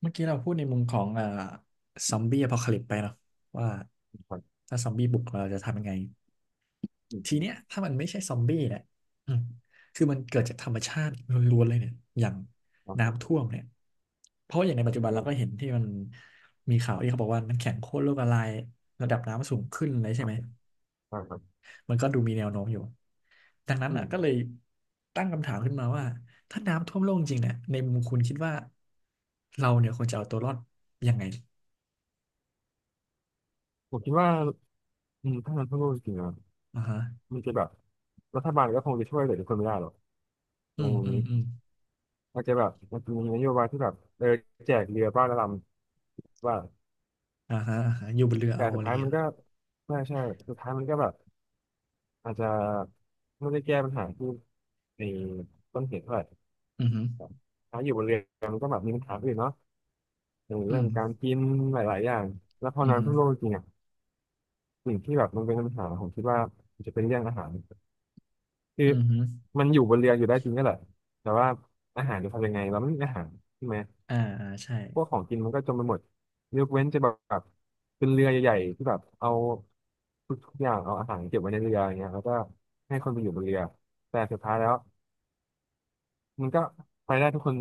เมื่อกี้เราพูดในมุมของซอมบี้อพอคาลิปไปเนาะว่าครับถ้าซอมบี้บุกเราจะทำยังไงอืมทีอืมเนี้ยถ้ามันไม่ใช่ซอมบี้เนี่ยอืมคือมันเกิดจากธรรมชาติล้วนๆเลยเนี่ยอย่างโอเคน้ำรท่วมเนี่ยเพราะอย่างในปัจจุบันผเราก็เห็มนที่มันมีข่าวที่เขาบอกว่าน้ำแข็งขั้วโลกละลายระดับน้ำสูงขึ้นเลยคใช่รัไหบมครับมันก็ดูมีแนวโน้มอยู่ดังนั้นอือ่ะมก็เลยตั้งคำถามขึ้นมาว่าถ้าน้ำท่วมโลกจริงเนี่ยในมุมคุณคิดว่าเราเนี่ยควรจะเอาตัวรอดยังไงผมคิดว่าถ้ามันทั่วโลกจริงๆอะอ่าฮะ มันจะแบบรัฐบาลก็คงจะช่วยเหลือทุกคนไม่ได้หรอกในอืมมุมอืมนี้อืมอาจจะแบบมันจะมีนโยบายที่แบบแจกเรือบ้านละลำว่าอ่าฮะอ่าฮะอยู่บนเรือแต่เอาอะสุดไรท้ายเงี้มัยนเหรอก็ใช่ใช่สุดท้ายมันก็แบบอาจจะไม่ได้แก้ปัญหาที่ในต้นเหตุเท่าไหร่อืมฮึถ้าอยู่บนเรือมันก็แบบมีปัญหาอื่นเนาะอย่างอืเรื่องมการกินหลายๆอย่างแล้วพออืมน้ำฮึท่วมโลกจริงๆอะสิ่งที่แบบมันเป็นปัญหาผมคิดว่ามันจะเป็นเรื่องอาหาร คืออืมฮึมันอยู่บนเรืออยู่ได้จริงก็แหละแต่ว่าอาหารจะทำยังไงเราไม่มีอาหารใช่ไหมอ่าอ่าใช่พวกของกินมันก็จมไปหมดยกเว้นจะแบบเป็นเรือใหญ่ๆที่แบบเอาทุกอย่างเอาอาหารเก็บไว้ในเรืออย่างเงี้ยแล้วก็ให้คนไปอยู่บนเรือแต่สุดท้ายแล้วมันก็ไปได้ทุกคน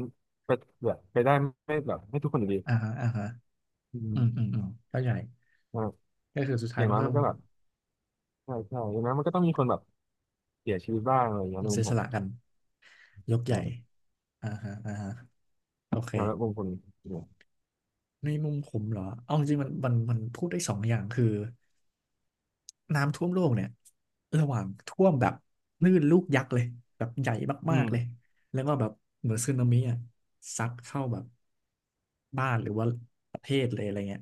ไปแบบไปได้ไม่แบบไม่ทุกคนอยู่ดีอ่าฮะอ่าฮะอือืมมอืมอืมเข้าใจอ่ะก็คือสุดอท้ายย่างมันน้อยก็มัต้นองก็แบบใช่ใช่อย่างน้อยมันก็ต้องมีคนแบบเสียชีวิตบ้างอะไรอย่างเงี้ยในเสีมุมยสผมละกันยกใหญ่อ่าอ่าฮะอ่าฮะโอเคแล้วมุมคนเนี่ยในมุมผมเหรอเอาจริงๆมันพูดได้สองอย่างคือ น้ำท่วมโลกเนี่ยระหว่างท่วมแบบคลื่นลูกยักษ์เลยแบบใหญ่อืมากมๆเลยแล้วก็แบบเหมือนสึนามิอ่ะซัดเข้าแบบบ้านหรือว่าประเทศเลยอะไรเงี้ย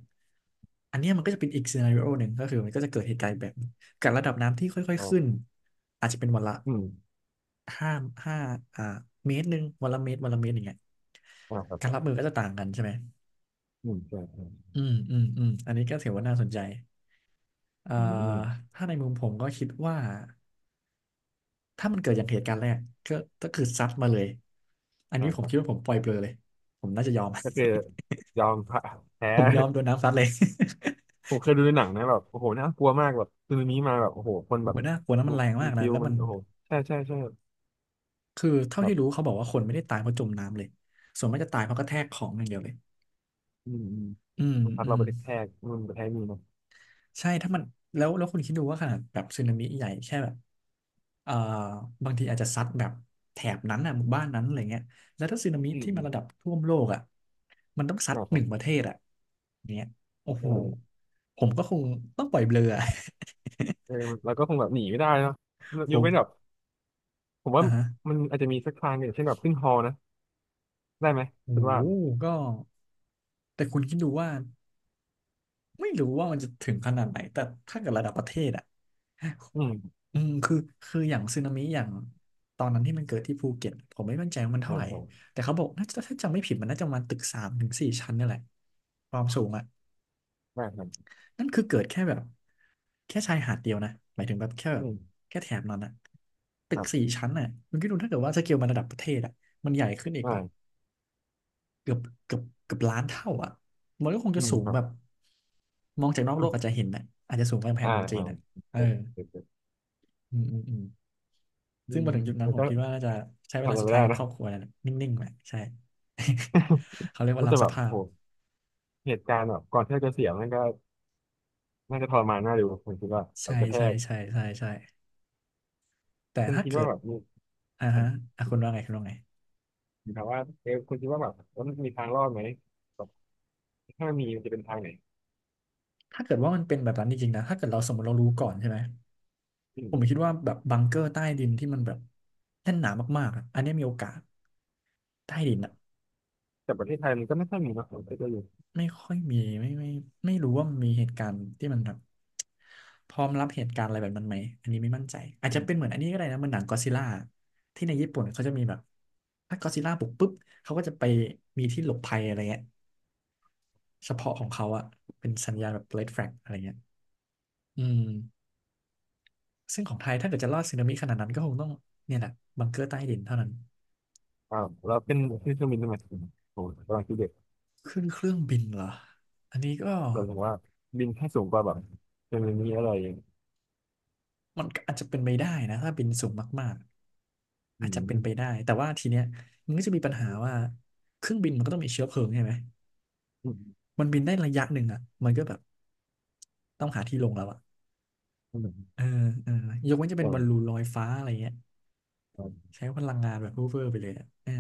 อันเนี้ยมันก็จะเป็นอีกซีนาริโอหนึ่งก็คือมันก็จะเกิดเหตุการณ์แบบนี้กับระดับน้ำที่ค่อยๆอ่าขึ้นอาจจะเป็นวันละอืมห้าห้าอ่าเมตรหนึ่งวันละเมตรวันละเมตรอย่างเงี้ยอ่าครัการบ รับมือก็จะต่างกันใช่ไหมอืมใช่ใช่อืมอืมอืมอันนี้ก็ถือว่าน่าสนใจเอ่ออืมถ้าในมุมผมก็คิดว่า ถ้ามันเกิดอย่างเหตุการณ์แรกก็ก็คือซัดมาเลยอันอ่านี้ผคมรับคิดว่าผมปล่อยเปลอยเลยผมน่าจะยอม ก็คือยอมแพ้ ผมยอมโดน น้ำซัดเลย ผม เคยดูในหนังนะแบบโอ้โหน่ากลัวมากแบบซึนามิมาแบบโอ้โหคนผแบมบว่าน่ากลัวนะมันแรงมันมากนะฟิวแล้วมันมันโอ้โหใช่ใช่ใช่คือเท่าที่แบบรู้เขาบอกว่าคนไม่ได้ตายเพราะจมน้ำเลยส่วนมากจะตายเพราะกระแทกของอย่างเดียวเลยอืมอืมอืมมันพัดอืเราม ไปกระแทกมั่นกระแทกนี่เนาะใช่ถ้ามันแล้วคุณคิดดูว่าขนาดแบบสึนามิใหญ่แค่แบบเอ่อบางทีอาจจะซัดแบบแถบนั้นอ่ะหมู่บ้านนั้นอะไรเงี้ยแล้วถ้าสึนามิอืมที่มัอืนมระดับท่วมโลกอ่ะมันต้องซัดนะคหรันึ่บงประเทศอ่ะเนี้ยโอ้โหใช่ผมก็คงต้องปล่อยเบลออะ เออเราก็คงแบบหนีไม่ได้เนาะผยกเว้นแบบมผมว่าอ่ะฮะมันอาจจะมีสักทางหนึ่งเช่นแบบขึ้นฮอนะได้ไหมโอ้คุณว่าโหก็แต่คุณคิดดูว่าไม่รู้ว่ามันจะถึงขนาดไหนแต่ถ้าเกิดระดับประเทศอ่ะ อืมอืมคือคืออย่างสึนามิอย่างตอนนั้นที่มันเกิดที่ภูเก็ตผมไม่มั่นใจว่ามันอ่าเท่าไหร่ครับแต่เขาบอกน่าจะถ้าจำไม่ผิดมันน่าจะประมาณตึกสามถึงสี่ชั้นนี่แหละความสูงอ่ะได้ครับนั่นคือเกิดแค่แบบแค่ชายหาดเดียวนะหมายถึงแบบแค่แบอืบมแค่แถบนั้นอ่ะตึคกรัสี่บชั้นอ่ะมันก็ดูถ้าเกิดว่าสเกลมันระดับประเทศอ่ะมันใหญ่ขึ้นอีกแบได้บเกือบเกือบล้านเท่าอ่ะมันก็คงอืจะมสูงครัแบบบมองจากนอกโลกอาจจะเห็นนะอาจจะสูงกว่ากำแพงอ่าเมืองจีอ่านโออ่ะเคเออโอเคอืมอืมอืม อืซึ่งมมาถึงจุดนั้นแล้วผมก็ คิดว่าน่าจะใช้เวทำอะลาไรสุดไม่ท้ายได้กับคนะรอบครัวนั่นแหละนิ่งๆแหละใช่ เขาเรียกว่าว่ารัแต่บสแบบภาพโหเหตุการณ์แบบก่อนที่เราจะเสียมันก็น่าจะทรมานน่าดูผมคิดว่าแบใช่บกระแทใช่กใช่ใช่ใช่แต่คุณถ้าคิดเกิว่าดแบบมีอ่าอัฮะอ่ะคุณว่าไงนถามว่าคุณคิดว่าแบบว่ามันมีทางรอดไหมแบบถ้ามีมันจะเป็นทางไหนถ้าเกิดว่ามันเป็นแบบนั้นจริงๆนะถ้าเกิดเราสมมติเรารู้ก่อนใช่ไหมอืผมมคิดว่าแบบบังเกอร์ใต้ดินที่มันแบบแน่นหนามากๆอะอันเนี้ยมีโอกาสใต้ดินอะ แต่ประเทศไทยมันก็ไม่ค่อยมีนะผมคิดว่าอยู่ไม่ค่อยมีไม่ไม่รู้ว่ามีเหตุการณ์ที่มันแบบพร้อมรับเหตุการณ์อะไรแบบนั้นไหมอันนี้ไม่มั่นใจอาจอืจะเป็นเหมมือนอันนี้ก็ได้นะเหมันหนังก็อดซิลล่าที่ในญี่ปุ่นเขาจะมีแบบถ้าก็อดซิลล่าบุกปุ๊บเขาก็จะไปมีที่หลบภัยอะไรเงี้ยเฉพาะของเขาอะเป็นสัญญาณแบบเ e d f ฟ a g อะไรเงี้ยอืมซึ่งของไทยถ้าเกิดจะรอดสึนามิขนาดนั้นก็คงต้องเนี่ยแหละบังเกอร์ใต้ดินเท่านั้นอ่าวเราเป็นที่เครื่องบินทำไมโอ้โหกำลังคิดเด็กขึ้นเครื่องบินเหรออันนี้ก็ เราถึงว่าบินแค่สูงกว่าแบบจะมีนี้อะไรอย่างมันก็อาจจะเป็นไปได้นะถ้าบินสูงมากๆอือาจจะเป็นไปมได้แต่ว่าทีเนี้ยมันก็จะมีปัญหาว่าเครื่องบินมันก็ต้องมีเชื้อเพลิงใช่ไหมอืมมันบินได้ระยะหนึ่งอ่ะมันก็แบบต้องหาที่ลงแล้วอ่ะอืมอืมเออเออยกเว้นจะเป็อ่นบอลลูนาลอยฟ้าอะไรเงี้ยใช้พลังงานแบบเวอร์ๆไปเลยอ่ะเออ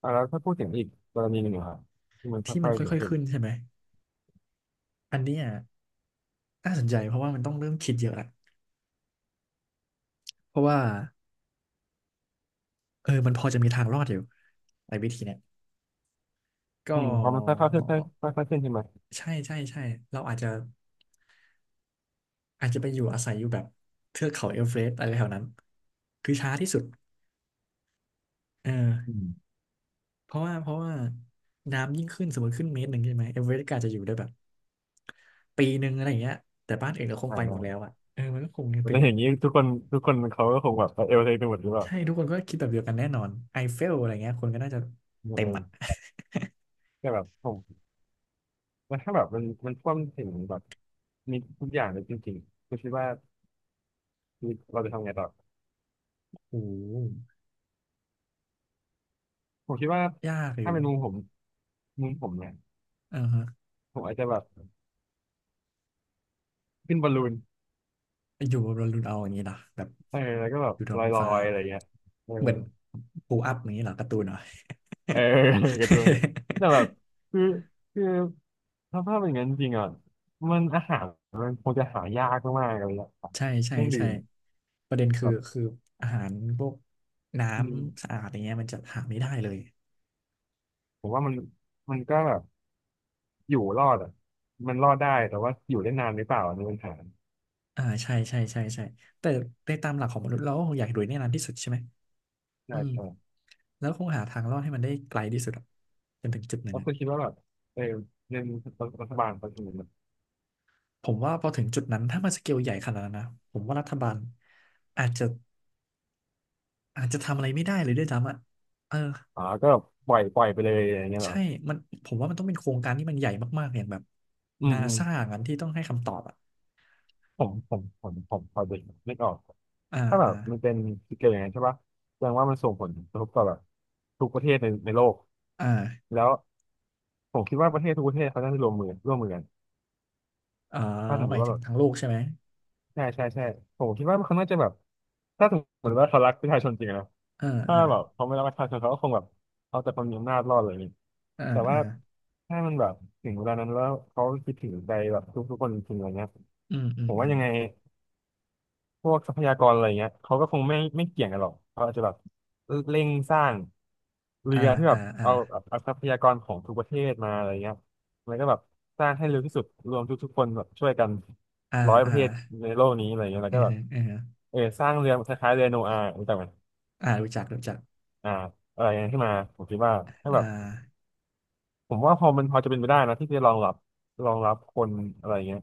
อ่าแล้วถ้าพูดถึงอีกกรณีหนึ่งอะครับที่มันที่มัค่อนยๆเสียงค่อยๆขึ้นขึ้นใช่ไหมอันเนี้ยน่าสนใจเพราะว่ามันต้องเริ่มคิดเยอะละเพราะว่าเออมันพอจะมีทางรอดอยู่ไอ้วิธีเนี้ยอืก็มพอมันค่อยๆขึ้นค่อยๆขึ้นใช่ไหม ใช่ใช่ใช่เราอาจจะ อาจจะไปอยู่อาศัยอยู่แบบเทือกเขาเอเวอเรสต์อะไรแถวนั้นคือช้าที่สุดเออือมเพราะว่าน้ำยิ่งขึ้นสมมติขึ้นเมตรหนึ่งใช่ไหมเอเวอเรสต์ก็อาจจะอยู่ได้แบบปีหนึ่งอะไรอย่างเงี้ยแต่บ้านอื่นก็คงอ่าไปหมได้ดแล้วอ่ะเออมันก็คงจะเป็แต่นอย่างนี้ทุกคนทุกคนเขาก็คงแบบไปเอลเทคไปหมดหรือเปล่าใช่ทุกคนก็คิดแบบเดียวกันแน่นอนไอเฟลอะไรเงี้ยคนก็น่าจะเเต็มอ่ะ ออแต่แบบผมมันถ้าแบบมันท่วมถึงแบบมีทุกอย่างเลยจริงๆคุณคิดว่าชีวิตเราจะทำไงต่อ โอ้ผมคิดว่ายากอถ้ายู่เป็นมุมผมมุมผมเนี่ยอ่าฮะผมอาจจะแบบขึ้นบอลลูนอยู่บนดาวดวงเอาอย่างนี้นะแบบเออแล้วก็แบบอยู่ท้อลองฟ้ายๆอะไรเงี้ยเออเหมือนปูอัพอย่างนี้เหรอการ์ตูนเหรอ เออ การ์ตูนแต่แบบ คือคือถ้าภาพเป็นอย่างนั้นจริงอ่ะมันอาหารมันคงจะหายากมากๆอะไรเลยอะใช่เคใช่รื่องดื่ใช่มประเด็นคือแบบคืออาหารพวกน้อืำสะม อาดอย่างเงี้ยมันจะหาไม่ได้เลยผมว่ามันก็แบบอยู่รอดอ่ะมันรอดได้แต่ว่าอยู่ได้นานหรือเปล่าอันนี้เป็นปัญหาอ่าใช่ใช่ใช่ใช่แต่ในตามหลักของมนุษย์เราก็คงอยากรวยแน่นอนที่สุดใช่ไหมอืใช่มใช่แล้วคงหาทางรอดให้มันได้ไกลที่สุดอะจนถึงจุดนั้แล้นวอะคือคิดว่าแบบเออเงินรัฐบาลเขาถึงผมว่าพอถึงจุดนั้นถ้ามันสเกลใหญ่ขนาดนั้นนะผมว่ารัฐบาลอาจจะอาจจะทำอะไรไม่ได้เลยด้วยซ้ำอะเอออ๋อก็ปล่อยปล่อยไปเลยอย่างเงี้ยเหรใช่อมันผมว่ามันต้องเป็นโครงการที่มันใหญ่มากๆอย่างแบบอืมนาอืมซางั้นที่ต้องให้คำตอบอะผมพอเด็กนึกออกอ่าถ้าแบอ่าบมันเป็นสเกลอย่างนั้นใช่ปะแสดงว่ามันส่งผลกระทบต่อแบบทุกประเทศในโลกอ่า แล้วผมคิดว่าประเทศทุกประเทศเขาน่าจะร่วมมือกันอ๋อถ้าสมมหมาติยว่าถึแบงบ ทั้งลูกใช่ไหมใช่ใช่ใช่ผมคิดว่าเขาน่าจะแบบถ้าสมมติว่าเขารักประชาชนจริงอะนะอ่าถ้าอ่าแบบเขาไม่รักประชาชนเขาก็คงแบบเอาแต่ความมีอำนาจรอดเลยนี่อ่าแต่ว่าอ่าถ้ามันแบบถึงเวลานั้นแล้วเขาคิดถึงใจแบบทุกๆคนจริงๆอะไรเงี้ยอืมอืผมมอืว่ามยังไง พวกทรัพยากรอะไรเงี้ยเขาก็คงไม่เกี่ยงกันหรอกเขาอาจจะแบบเร่งสร้างเรือ่าอที่แบอ่าบอ่าเอาเอาทรัพยากรของทุกประเทศมาอะไรเงี้ยแล้วก็แบบสร้างให้เร็วที่สุดรวมทุกคนแบบช่วยกันอ่าร้อยปอ่าระเทศในโลกนี้อะไรเงี้ยแล้วอืก็อแบบฮึอือฮึเออสร้างเรือคล้ายๆเรือโนอาห์รู้จักไหมอ่ารู้จักรู้จักอ่าอะไรเงี้ยขึ้นมาผมคิดว่าถ้าแบอ่าบผมว่าพอจะเป็นไปได้นะที่จะรองรับคนอะไรเงี้ย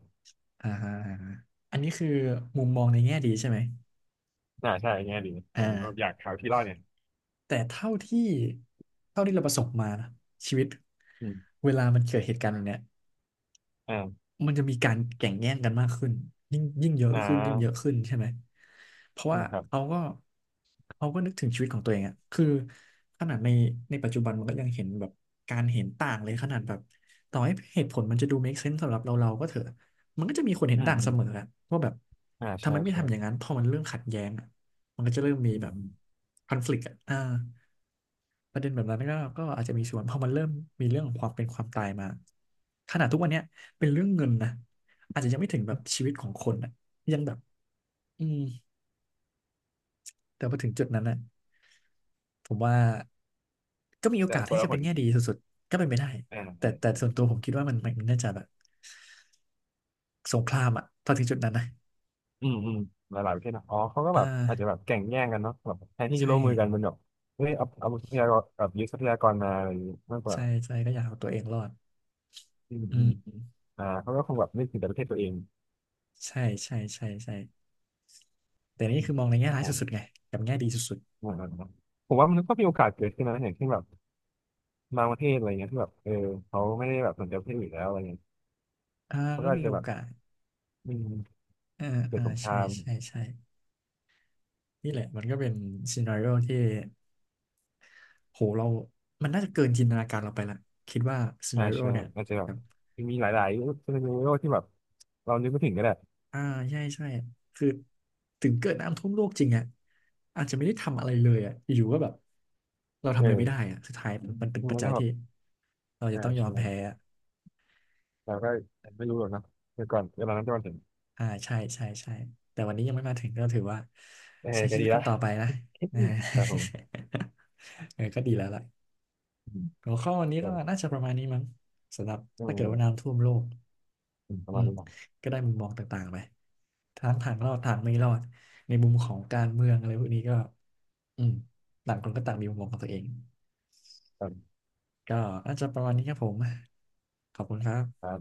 อ่าฮะอ่าฮะอันนี้คือมุมมองในแง่ดีใช่ไหมอ่าใช่เงี้ยดีผอ่ามก็อยากหาวที่รอดเนี่ยแต่เท่าที่เราประสบมานะชีวิตอืมเวลามันเกิดเหตุการณ์แบบเนี้ย อ่ามันจะมีการแข่งแย่งกันมากขึ้นยิ่งเยอะอ่ขึ้นยิ่งเยอะาขึ้นใช่ไหมเพราะอืว่ามครับเขาก็เขาก็นึกถึงชีวิตของตัวเองอะคือขนาดในปัจจุบันมันก็ยังเห็นแบบการเห็นต่างเลยขนาดแบบต่อให้เหตุผลมันจะดู make sense สำหรับเราก็เถอะมันก็จะมีคนเห็อืนต่างเสม มออะว่าแบบอ่าทำใช่ไมไม่ใช่ทำอย่างนั้นพอมันเริ่มขัดแย้งอะมันก็จะเริ่มมีอืแบมบ อืม conflict อนฟลิกต์อ่ะอ่า ประเด็นแบบนั้นก็อาจจะมีส่วนเพราะมันเริ่มมีเรื่องของความเป็นความตายมาขนาดทุกวันเนี้ยเป็นเรื่องเงินนะอาจจะยังไม่ถึงแบบชีวิตของคนอะยังแบบอืมแต่พอถึงจุดนั้นนะผมว่าก็มีโอแต่กาสคนที่ละจะคเป็นนแง่ดีสุดๆก็เป็นไปได้อ่าคแต่นละแต่คนส่วนตัวผมคิดว่ามันน่าจะแบบสงครามอะพอถึงจุดนั้นนะอืมอืมหลายๆประเทศนะอ๋อเขาก็อ่แบบอาจจะแบบาแข่งแย่งกันเนาะแบบแทนที่จะใช่ร่วมมือกันมันแบบเฮ้ยเอาเอาทรัพยากรแบบยึดทรัพยากรมาอะไรอย่างงี้มากกว่าใช่ใช่ก็อยากเอาตัวเองรอดอืมอือืมมอ่าเขาก็คงแบบนึกถึงแต่ประเทศตัวเองใช่ใช่ใช่ใช่แต่นี่อืมคือมองในแง่ร้ายอ๋สุดๆอไงกับแง่ดีสุดอ่าอ่าอ่าผมว่ามันก็มีโอกาสเกิดขึ้นนะอย่างเช่นแบบบางประเทศอะไรเงี้ยที่แบบเขาไม่ได้แบบสนใจประเทศอื่นแล้วอะไรเงี้ยๆอ่าเขาก็ก็อาจมีจะโอแบบกาส อืมอ่าเกิดอ่าสงคใช่รามใช่ใช่นี่แหละมันก็เป็นซีนาริโอที่โหเรามันน่าจะเกินจินตนาการเราไปละคิดว่าซีอ่านาริโอใช่เนี่ยอาจจะแบแบบบมีหลายๆซีนาริโอที่แบบเรานึกไม่ถึงก็ได้อ่าใช่ใช่คือถึงเกิดน้ำท่วมโลกจริงอ่ะอาจจะไม่ได้ทำอะไรเลยอ่ะอยู่ๆก็แบบเราทำอะไรไม่ได้เอออ่ะสุดท้ายมันเป็นมัปัจนจัก็ยแบที่บ เราจะใช่ต้องยอมใช่แพ้อะเราก็ยังไม่รู้หรอกเนาะเมื่อก่อนเวลานั้นจะมาถึงอ่าใช่ใช่ใช่แต่วันนี้ยังไม่มาถึงก็ถือว่าเออใช้ก็ชีวิดีตกันละ ต่อไปนะนะ ครับผม เออก็ดีแล้วล่ะ อืมหัวข้อวันนี้ส่ก็วนน่าจะประมาณนี้มั้งสำหรับอืถ้าเกิดว่ามน้ำท่วมโลกอืมประอืมาณมนี้แหละก็ได้มุมมองต่างๆไปทั้งทางครรัอดบทางไม่รอดในมุมของการเมืองอะไรพวกนี้ก็อืมต่างคนก็ต่างมีมุมมองของตัวเองคก็น่าจะประมาณนี้ครับผมขอบคุณครับรับ